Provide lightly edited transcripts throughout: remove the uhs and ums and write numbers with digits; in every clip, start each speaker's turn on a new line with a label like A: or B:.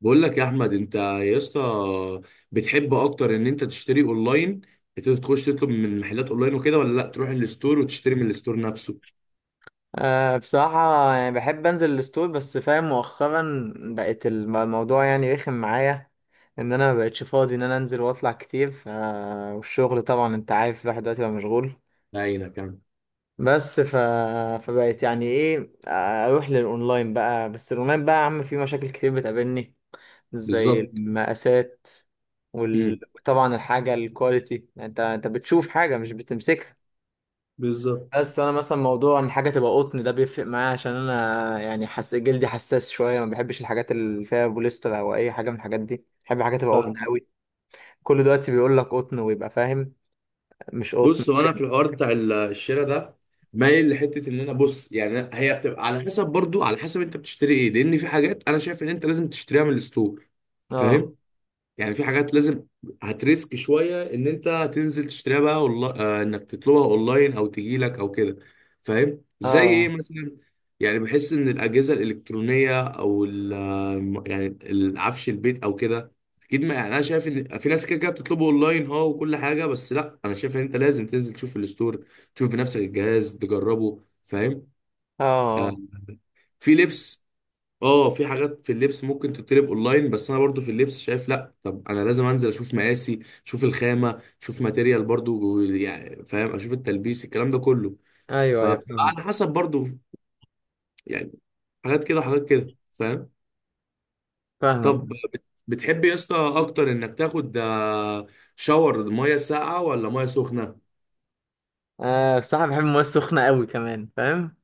A: بقول لك يا احمد، انت يا اسطى بتحب اكتر ان انت تشتري اونلاين؟ بتقدر تخش تطلب من محلات اونلاين وكده، ولا لا تروح الستور وتشتري من الستور نفسه؟
B: أه، بصراحة يعني بحب أنزل الستور. بس فاهم مؤخرا بقت الموضوع يعني رخم معايا، إن أنا مبقتش فاضي إن أنا أنزل وأطلع كتير والشغل طبعا أنت عارف، الواحد دلوقتي بقى مشغول.
A: بعينك يعني.
B: بس فبقت يعني إيه، أروح للأونلاين بقى. بس الأونلاين بقى يا عم فيه مشاكل كتير بتقابلني، زي
A: بالظبط.
B: المقاسات
A: امم.
B: وطبعا الحاجة الكواليتي، يعني أنت بتشوف حاجة مش بتمسكها.
A: بالظبط.
B: بس انا مثلا، موضوع ان حاجه تبقى قطن ده بيفرق معايا، عشان انا يعني حس جلدي حساس شويه، ما بحبش الحاجات اللي فيها بوليستر او اي حاجه من الحاجات دي. بحب حاجه تبقى
A: فاهم.
B: قطن قوي. كل دلوقتي بيقول لك قطن ويبقى فاهم، مش قطن.
A: بص، وانا في الحوار بتاع الشراء ده، مايل لحته ان انا، بص يعني هي بتبقى على حسب، برضو على حسب انت بتشتري ايه. لان في حاجات انا شايف ان انت لازم تشتريها من الستور.
B: اه،
A: فاهم؟ يعني في حاجات لازم هتريسك شويه ان انت تنزل تشتريها، بقى والله انك تطلبها اونلاين او تجي لك او كده. فاهم زي ايه
B: اه،
A: مثلا؟ يعني بحس ان الاجهزه الالكترونيه، او يعني العفش البيت او كده. اكيد، ما يعني انا شايف ان في ناس كده كده بتطلبه اونلاين، اه، وكل حاجه، بس لا، انا شايف ان انت لازم تنزل تشوف الستور، تشوف بنفسك الجهاز تجربه. فاهم؟ آه.
B: اه.
A: في لبس، اه، في حاجات في اللبس ممكن تتطلب اونلاين، بس انا برضو في اللبس شايف لا، طب انا لازم انزل اشوف مقاسي، اشوف الخامه، اشوف ماتيريال برضو يعني. فاهم؟ اشوف التلبيس، الكلام ده كله.
B: ايوه، ايوه
A: فبتبقى
B: فاهم.
A: على حسب برضو يعني، حاجات كده وحاجات كده. فاهم؟
B: فاهمك.
A: طب بتحب يا اسطى اكتر انك تاخد شاور ميه ساقعه ولا ميه سخنه؟
B: آه، بصراحه بحب المويه السخنه قوي كمان، فاهم.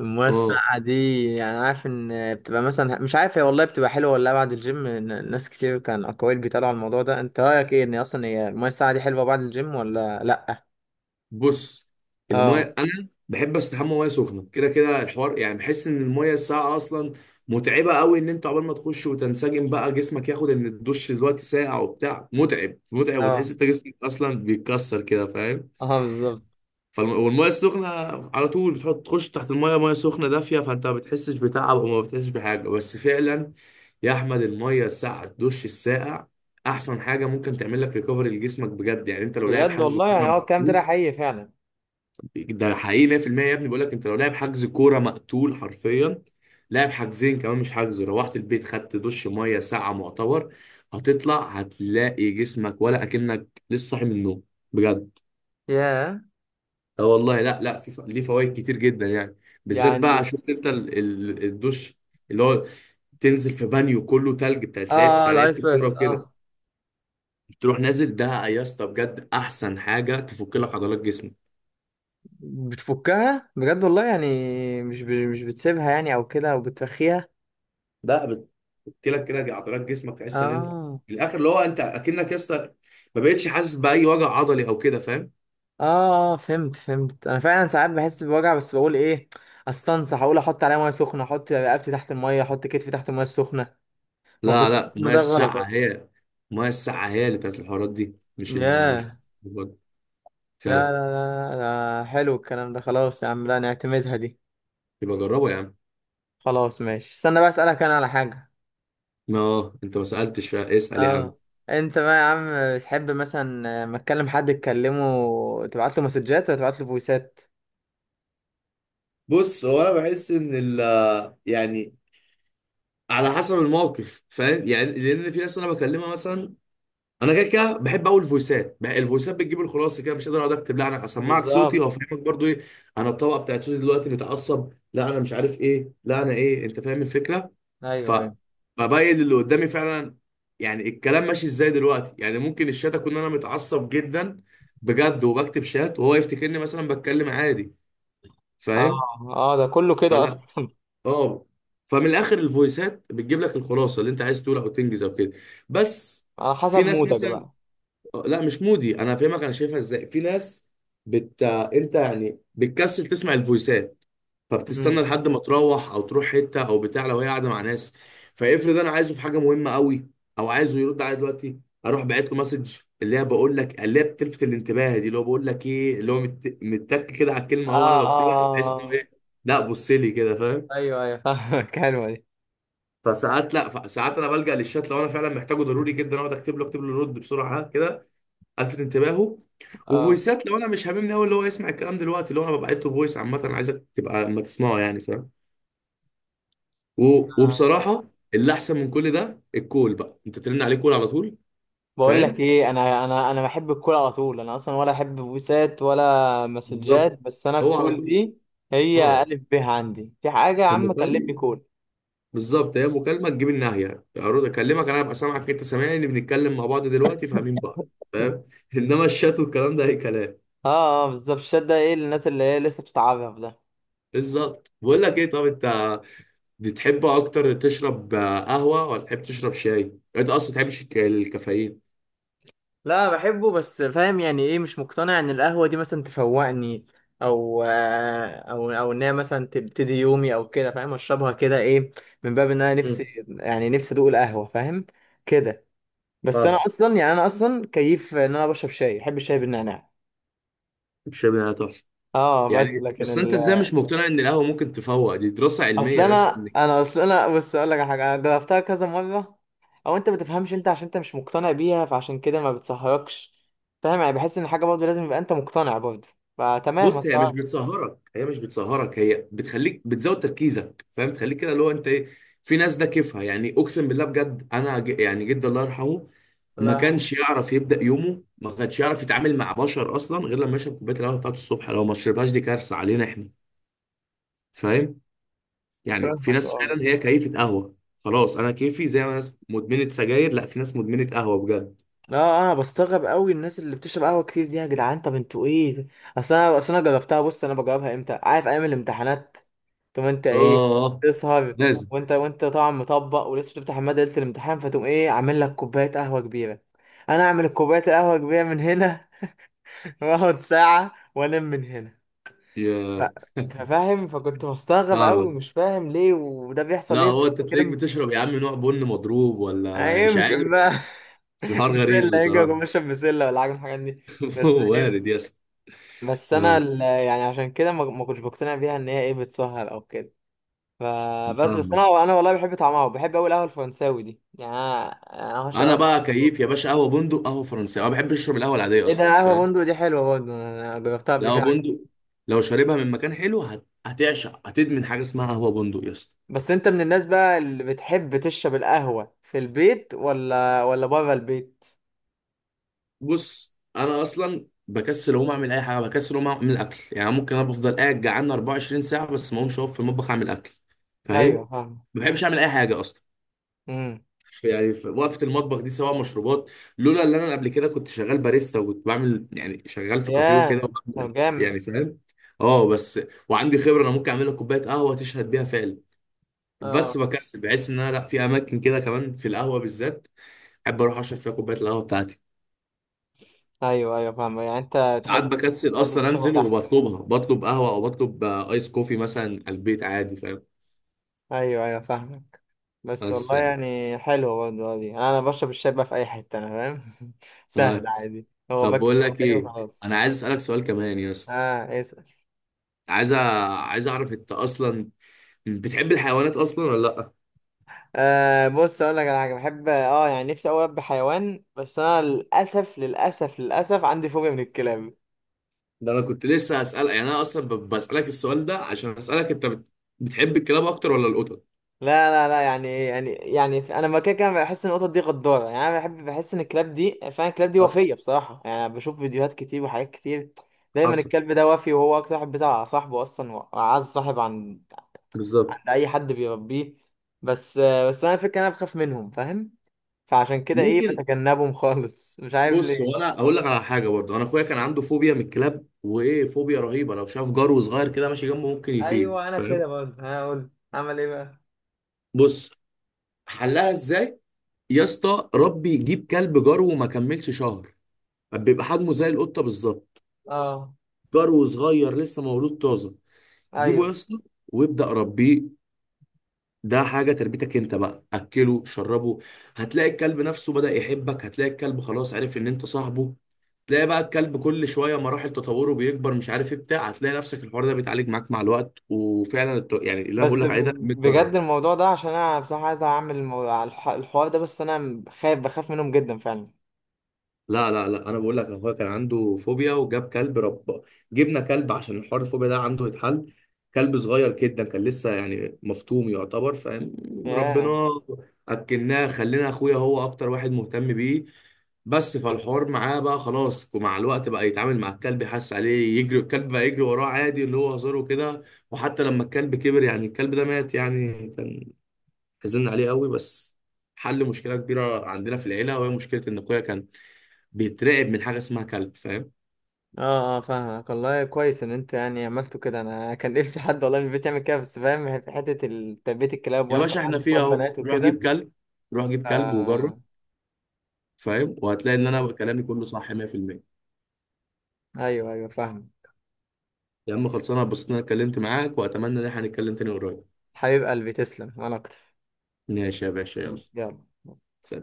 B: المويه
A: اه،
B: الساقعه دي يعني عارف ان بتبقى، مثلا مش عارف هي والله بتبقى حلوه ولا لا بعد الجيم. ناس كتير كان اقاويل بيتقالوا على الموضوع ده، انت رايك ايه ان اصلا هي المويه الساقعه دي حلوه بعد الجيم ولا لا؟
A: بص،
B: اه،
A: المايه انا بحب استحمى ميه سخنه كده كده. الحوار يعني، بحس ان المايه الساقعه اصلا متعبه قوي، ان انت عقبال ما تخش وتنسجم بقى، جسمك ياخد ان الدش دلوقتي ساقع وبتاع، متعب متعب، وتحس
B: اه،
A: انت جسمك اصلا بيتكسر كده. فاهم؟
B: اه بالظبط.
A: والميه السخنه على طول بتحط، تخش تحت المايه، ميه سخنه دافيه، فانت ما بتحسش بتعب وما بتحسش بحاجه. بس فعلا يا احمد، المايه الساقعه، الدش الساقع احسن حاجه ممكن تعمل لك ريكفري لجسمك بجد. يعني انت لو لاعب
B: بجد
A: حجز
B: والله، يعني
A: كوره،
B: هو الكلام ده حقيقي فعلا.
A: ده حقيقي 100% يا ابني. بقول لك، انت لو لاعب حجز كوره مقتول حرفيا، لاعب حجزين كمان مش حجز، روحت البيت خدت دش ميه ساعه معتبر، هتطلع هتلاقي جسمك ولا اكنك لسه صاحي من النوم بجد.
B: ياه.
A: اه والله، لا في ليه فوائد كتير جدا يعني. بالذات بقى،
B: يعني
A: شفت انت الدش اللي هو تنزل في بانيو كله تلج بتاع، تلاقي
B: اه
A: بتاع
B: الايس
A: لعيبه الكوره
B: بس.
A: وكده،
B: اه
A: تروح نازل ده يا اسطى؟ بجد احسن حاجه تفك لك عضلات جسمك.
B: بتفكها بجد والله يعني، مش بتسيبها يعني او كده او بترخيها؟
A: ده قلت لك، كده عضلات جسمك تحس ان انت
B: اه،
A: في الاخر اللي هو انت اكنك يا اسطى ما بقتش حاسس باي وجع عضلي او كده. فاهم؟
B: اه، اه فهمت فهمت. انا فعلا ساعات بحس بوجع، بس بقول ايه، استنصح، اقول احط عليها ميه سخنه، احط رقبتي تحت الميه، احط كتفي تحت الميه السخنه. ما
A: لا
B: كنت
A: لا
B: إن
A: الميه
B: ده غلط
A: الساقعه
B: اصلا.
A: هي، الميه الساقعه هي اللي بتاعت الحوارات دي، مش
B: ياه.
A: فعلا.
B: لا، لا، لا. لا حلو الكلام ده، خلاص يا عم لا نعتمدها دي.
A: يبقى جربه يا عم.
B: خلاص ماشي، استنى بقى اسألك انا على حاجة.
A: اه، انت ما سالتش، فاسال يا عم.
B: اه. انت بقى يا عم، بتحب مثلا ما تكلم حد تكلمه، تبعت له مسجات ولا تبعت له فويسات؟
A: بص، هو انا بحس ان ال، يعني على حسب الموقف. فاهم يعني؟ لان في ناس انا بكلمها مثلا، انا كده كده بحب اقول الفويسات بقى، الفويسات بتجيب الخلاصه كده. مش قادر اقعد اكتب، لا انا اسمعك صوتي
B: بالظبط.
A: وافهمك برضو ايه انا الطبقه بتاعت صوتي دلوقتي، متعصب، لا انا مش عارف ايه، لا انا ايه. انت فاهم الفكره؟ ف
B: ايوه، ايوه،
A: ببين اللي قدامي فعلا يعني الكلام ماشي ازاي دلوقتي. يعني ممكن الشات اكون انا متعصب جدا بجد، وبكتب شات وهو يفتكرني مثلا بتكلم عادي.
B: اه،
A: فاهم؟
B: اه ده كله كده
A: فلا،
B: اصلا.
A: اه، فمن الاخر الفويسات بتجيب لك الخلاصه اللي انت عايز تقولها او تنجز او كده. بس
B: على
A: في
B: حسب
A: ناس
B: مودك
A: مثلا،
B: بقى.
A: لا مش مودي، انا فاهمك انا شايفها ازاي. في ناس انت يعني بتكسل تسمع الفويسات، فبتستنى
B: امم.
A: لحد ما تروح، او تروح حته او بتاع، لو هي قاعده مع ناس. فافرض انا عايزه في حاجه مهمه قوي، او عايزه يرد عليا دلوقتي، اروح باعت له مسج اللي هي بقول لك اللي هي بتلفت الانتباه دي. اللي هو بقول لك ايه اللي هو متك كده على
B: اه،
A: الكلمه، هو انا
B: اه،
A: بكتبها بحيث
B: آه.
A: انه
B: آه.
A: ايه، لا بص لي كده. فاهم؟
B: ايوه، ايوه فاهمك. حلوة دي.
A: فساعات، لا ساعات انا بلجأ للشات لو انا فعلا محتاجه ضروري جدا، اقعد اكتب له اكتب له رد بسرعه كده، الفت انتباهه.
B: اه،
A: وفويسات لو انا مش هاممني قوي اللي هو يسمع الكلام دلوقتي، اللي هو انا ببعت له فويس عامه، انا عايزك تبقى ما تسمعه يعني. فاهم؟
B: فاهم.
A: وبصراحه اللي احسن من كل ده الكول بقى، انت ترن عليه كول على طول.
B: بقول لك
A: فاهم؟
B: ايه، انا بحب الكول على طول. انا اصلا ولا احب فويسات ولا
A: بالظبط،
B: مسجات، بس انا
A: هو على
B: الكول
A: طول.
B: دي. هي
A: اه
B: الف ب، عندي في حاجة يا عم
A: المكالمه،
B: كلمني كول.
A: بالظبط، هي مكالمه تجيب الناحيه، اقعد اكلمك انا ابقى سامعك، انت سامعني، بنتكلم مع بعض دلوقتي فاهمين بعض. فاهم؟ انما الشات والكلام ده اي كلام.
B: اه، اه بالظبط. الشات ده ايه، للناس اللي هي لسه بتتعرف ده.
A: بالظبط. بقول لك ايه، طب انت دي تحب اكتر تشرب قهوه ولا تحب تشرب شاي؟ انت اصلا تحبش الكافيين؟
B: لا بحبه، بس فاهم يعني ايه، مش مقتنع ان القهوة دي مثلا تفوقني، او آه، او او ان هي مثلا تبتدي يومي او كده، فاهم اشربها كده ايه، من باب ان انا نفسي
A: مم.
B: يعني نفسي ادوق القهوة، فاهم كده. بس انا
A: فاهم.
B: اصلا، يعني انا اصلا كيف ان انا بشرب شاي، بحب الشاي بالنعناع.
A: الشاي بيبقى تحفه
B: اه بس
A: يعني.
B: لكن
A: بس انت ازاي مش مقتنع ان القهوه ممكن تفوق؟ دي دراسه
B: اصل
A: علميه، بس
B: انا
A: انك،
B: انا اصل انا بص اقول لك على حاجه، انا جربتها كذا مره. او انت ما بتفهمش، انت عشان انت مش مقتنع بيها، فعشان كده ما بتسهركش. فاهم، يعني بحس ان حاجه برضه لازم يبقى انت مقتنع برضه، فتمام.
A: بص هي مش
B: الله
A: بتسهرك، هي مش بتسهرك، هي بتخليك بتزود تركيزك. فاهم؟ تخليك كده اللي هو انت ايه. في ناس ده كيفها، يعني اقسم بالله بجد انا يعني جدي الله يرحمه ما
B: يرحمه.
A: كانش يعرف يبدا يومه، ما كانش يعرف يتعامل مع بشر اصلا، غير لما يشرب كوبايه القهوه بتاعته الصبح. لو ما شربهاش دي كارثه علينا احنا. يعني في
B: فاهمك.
A: ناس
B: اه،
A: فعلا هي كيفة قهوة. خلاص انا كيفي، زي ما ناس مدمنة سجاير، لا في ناس مدمنة قهوة بجد.
B: اه. انا بستغرب قوي الناس اللي بتشرب قهوه كتير دي، يا جدعان طب انتوا ايه؟ اصل انا جربتها، بص انا بجربها امتى، عارف، ايام الامتحانات. طب انت
A: اه،
B: ايه،
A: آه،
B: تسهر؟
A: لازم.
B: وانت طبعا مطبق ولسه بتفتح الماده ليله الامتحان، فتقوم ايه عامل لك كوبايه قهوه كبيره. انا اعمل كوبايه القهوه كبيره من هنا، واقعد ساعه وانام من هنا. ف...
A: يا
B: فاهم، فكنت بستغرب قوي،
A: فاهم،
B: مش فاهم ليه وده بيحصل
A: لا
B: ليه.
A: هو انت تلاقيك
B: كده
A: بتشرب يا عم نوع بن مضروب ولا مش عارف.
B: يمكن بقى.
A: بس الحوار
B: بسله،
A: غريب
B: يمكن اكون
A: بصراحة.
B: بشرب بسله ولا حاجه من الحاجات دي. بس
A: وارد
B: إيه؟
A: يا اسطى.
B: بس انا
A: اه
B: يعني عشان كده ما كنتش بقتنع بيها ان هي ايه بتسهر او كده. فبس
A: فاهمك.
B: انا والله بحب طعمها، وبحب قوي القهوه الفرنساوي دي يعني انا. أنا
A: انا
B: هشرب
A: بقى
B: قهوة.
A: كيف يا باشا قهوة بندق، قهوة فرنسية، انا ما بحبش اشرب القهوة العادية
B: ايه ده،
A: اصلا.
B: قهوه
A: فاهم؟
B: بندق دي حلوه برضه، انا جربتها قبل
A: القهوة
B: كده.
A: بندق لو شاربها من مكان حلو، هتعشق، هتدمن حاجة اسمها قهوة بندق يا اسطى.
B: بس انت من الناس بقى اللي بتحب تشرب القهوه في البيت ولا بره البيت؟
A: بص، انا اصلا بكسل اقوم اعمل اي حاجه، بكسل اقوم اعمل اكل، يعني ممكن انا بفضل قاعد جعان 24 ساعه بس ما اقومش اقف في المطبخ اعمل اكل.
B: ايوه
A: فاهم؟
B: فاهم.
A: ما بحبش اعمل اي حاجه اصلا
B: امم.
A: يعني، في وقفه المطبخ دي سواء مشروبات. لولا ان انا قبل كده كنت شغال باريستا، وكنت بعمل يعني، شغال في كافيه وكده
B: ياه. طب
A: وبعمل،
B: جامد.
A: يعني. فاهم؟ اه بس، وعندي خبره انا ممكن اعمل لك كوبايه قهوه تشهد بيها فعلا.
B: اه،
A: بس بكسل، بحس ان انا، لا في اماكن كده كمان في القهوه بالذات احب اروح اشرب فيها كوبايه القهوه بتاعتي.
B: ايوه، ايوه فاهم، يعني انت
A: ساعات
B: تحب
A: بكسل
B: تفضل
A: اصلا
B: تشربها
A: انزل
B: تحت بس.
A: وبطلبها، بطلب قهوه او بطلب ايس كوفي مثلا على البيت عادي. فاهم؟
B: ايوه، ايوه فاهم. بس
A: بس
B: والله
A: يعني،
B: يعني حلوة برضه دي، أنا بشرب الشاي بقى في أي حتة، أنا فاهم.
A: آه.
B: سهل عادي، هو
A: طب
B: باكت
A: بقول لك
B: الشاي
A: ايه، انا
B: وخلاص.
A: عايز اسالك سؤال كمان يا اسطى.
B: اه اسأل.
A: عايز أ- عايز اعرف انت اصلا بتحب الحيوانات اصلا ولا لا؟
B: آه بص أقول لك على حاجة، بحب اه يعني نفسي أوي أربي حيوان، بس أنا للأسف للأسف للأسف عندي فوبيا من الكلاب.
A: ده انا كنت لسه هسالك، يعني انا اصلا بسالك السؤال ده عشان اسالك انت بتحب الكلاب اكتر ولا القطط؟
B: لا، لا، لا. يعني إيه؟ يعني انا لما كده كده بحس ان القطط دي غداره، يعني انا بحب، بحس ان الكلاب دي فعلا، الكلاب دي.
A: حصل.
B: وفيه بصراحه يعني أنا بشوف فيديوهات كتير وحاجات كتير. دايما
A: حصل.
B: الكلب ده، وفي وهو اكتر واحد بيزعل على صاحبه اصلا، واعز صاحب عن
A: بالظبط.
B: عند اي حد بيربيه. بس بس انا الفكره، انا بخاف منهم فاهم، فعشان كده ايه
A: ممكن،
B: بتجنبهم خالص، مش عارف
A: بص
B: ليه.
A: هو انا اقول لك على حاجه برضه، انا اخويا كان عنده فوبيا من الكلاب، وايه فوبيا رهيبه، لو شاف جرو صغير كده ماشي جنبه ممكن
B: ايوه،
A: يطير.
B: انا
A: فاهم؟
B: كده برضه، انا اقول اعمل ايه بقى.
A: بص، حلها ازاي يا اسطى؟ ربي يجيب كلب جرو وما كملش شهر، بيبقى حجمه زي القطه بالظبط،
B: اه
A: جرو صغير لسه مولود طازه. جيبه يا
B: ايوه
A: اسطى، وابدا ربيه. ده حاجه تربيتك انت بقى، اكله شربه. هتلاقي الكلب نفسه بدا يحبك، هتلاقي الكلب خلاص عرف ان انت صاحبه، تلاقي بقى الكلب كل شويه مراحل تطوره بيكبر مش عارف ايه بتاع، هتلاقي نفسك الحوار ده بيتعالج معاك مع الوقت. وفعلا يعني اللي انا بقول
B: بس
A: لك عليه ده
B: ب-
A: 100
B: بجد
A: جره.
B: الموضوع ده، عشان انا بصراحه عايز اعمل على الحوار ده، بس انا خايف، بخاف منهم جدا فعلا.
A: لا، انا بقول لك اخويا كان عنده فوبيا وجاب كلب، رب، جبنا كلب عشان الحوار الفوبيا ده عنده يتحل. كلب صغير جدا كان لسه يعني مفتوم يعتبر. فاهم؟
B: ياه.
A: ربنا. اكلناه، خلينا، اخويا هو اكتر واحد مهتم بيه. بس فالحوار معاه بقى خلاص، ومع الوقت بقى يتعامل مع الكلب، يحس عليه، يجري الكلب بقى يجري وراه عادي اللي هو هزاره كده. وحتى لما الكلب كبر، يعني الكلب ده مات يعني، كان حزن عليه قوي، بس حل مشكلة كبيرة عندنا في العيلة، وهي مشكلة إن أخويا كان بيترعب من حاجه اسمها كلب. فاهم؟
B: اه، اه فاهمك والله، كويس ان انت يعني عملته كده. انا كان نفسي حد والله من البيت يعمل كده، بس فاهم في حته تربيه الكلاب،
A: يا
B: وانا كمان
A: باشا احنا
B: عندي شويه
A: فيها اهو،
B: بنات
A: روح
B: وكده.
A: جيب كلب، روح جيب كلب وجرب.
B: آه.
A: فاهم؟ وهتلاقي ان انا كلامي كله صح 100%.
B: ايوه، ايوه فاهم.
A: يا عم خلصانه، اتبسطت ان انا اتكلمت معاك واتمنى ان احنا نتكلم تاني قريب.
B: حبيب قلبي تسلم، وانا اكتر.
A: ماشي يا باشا، يلا.
B: يلا.
A: سلام.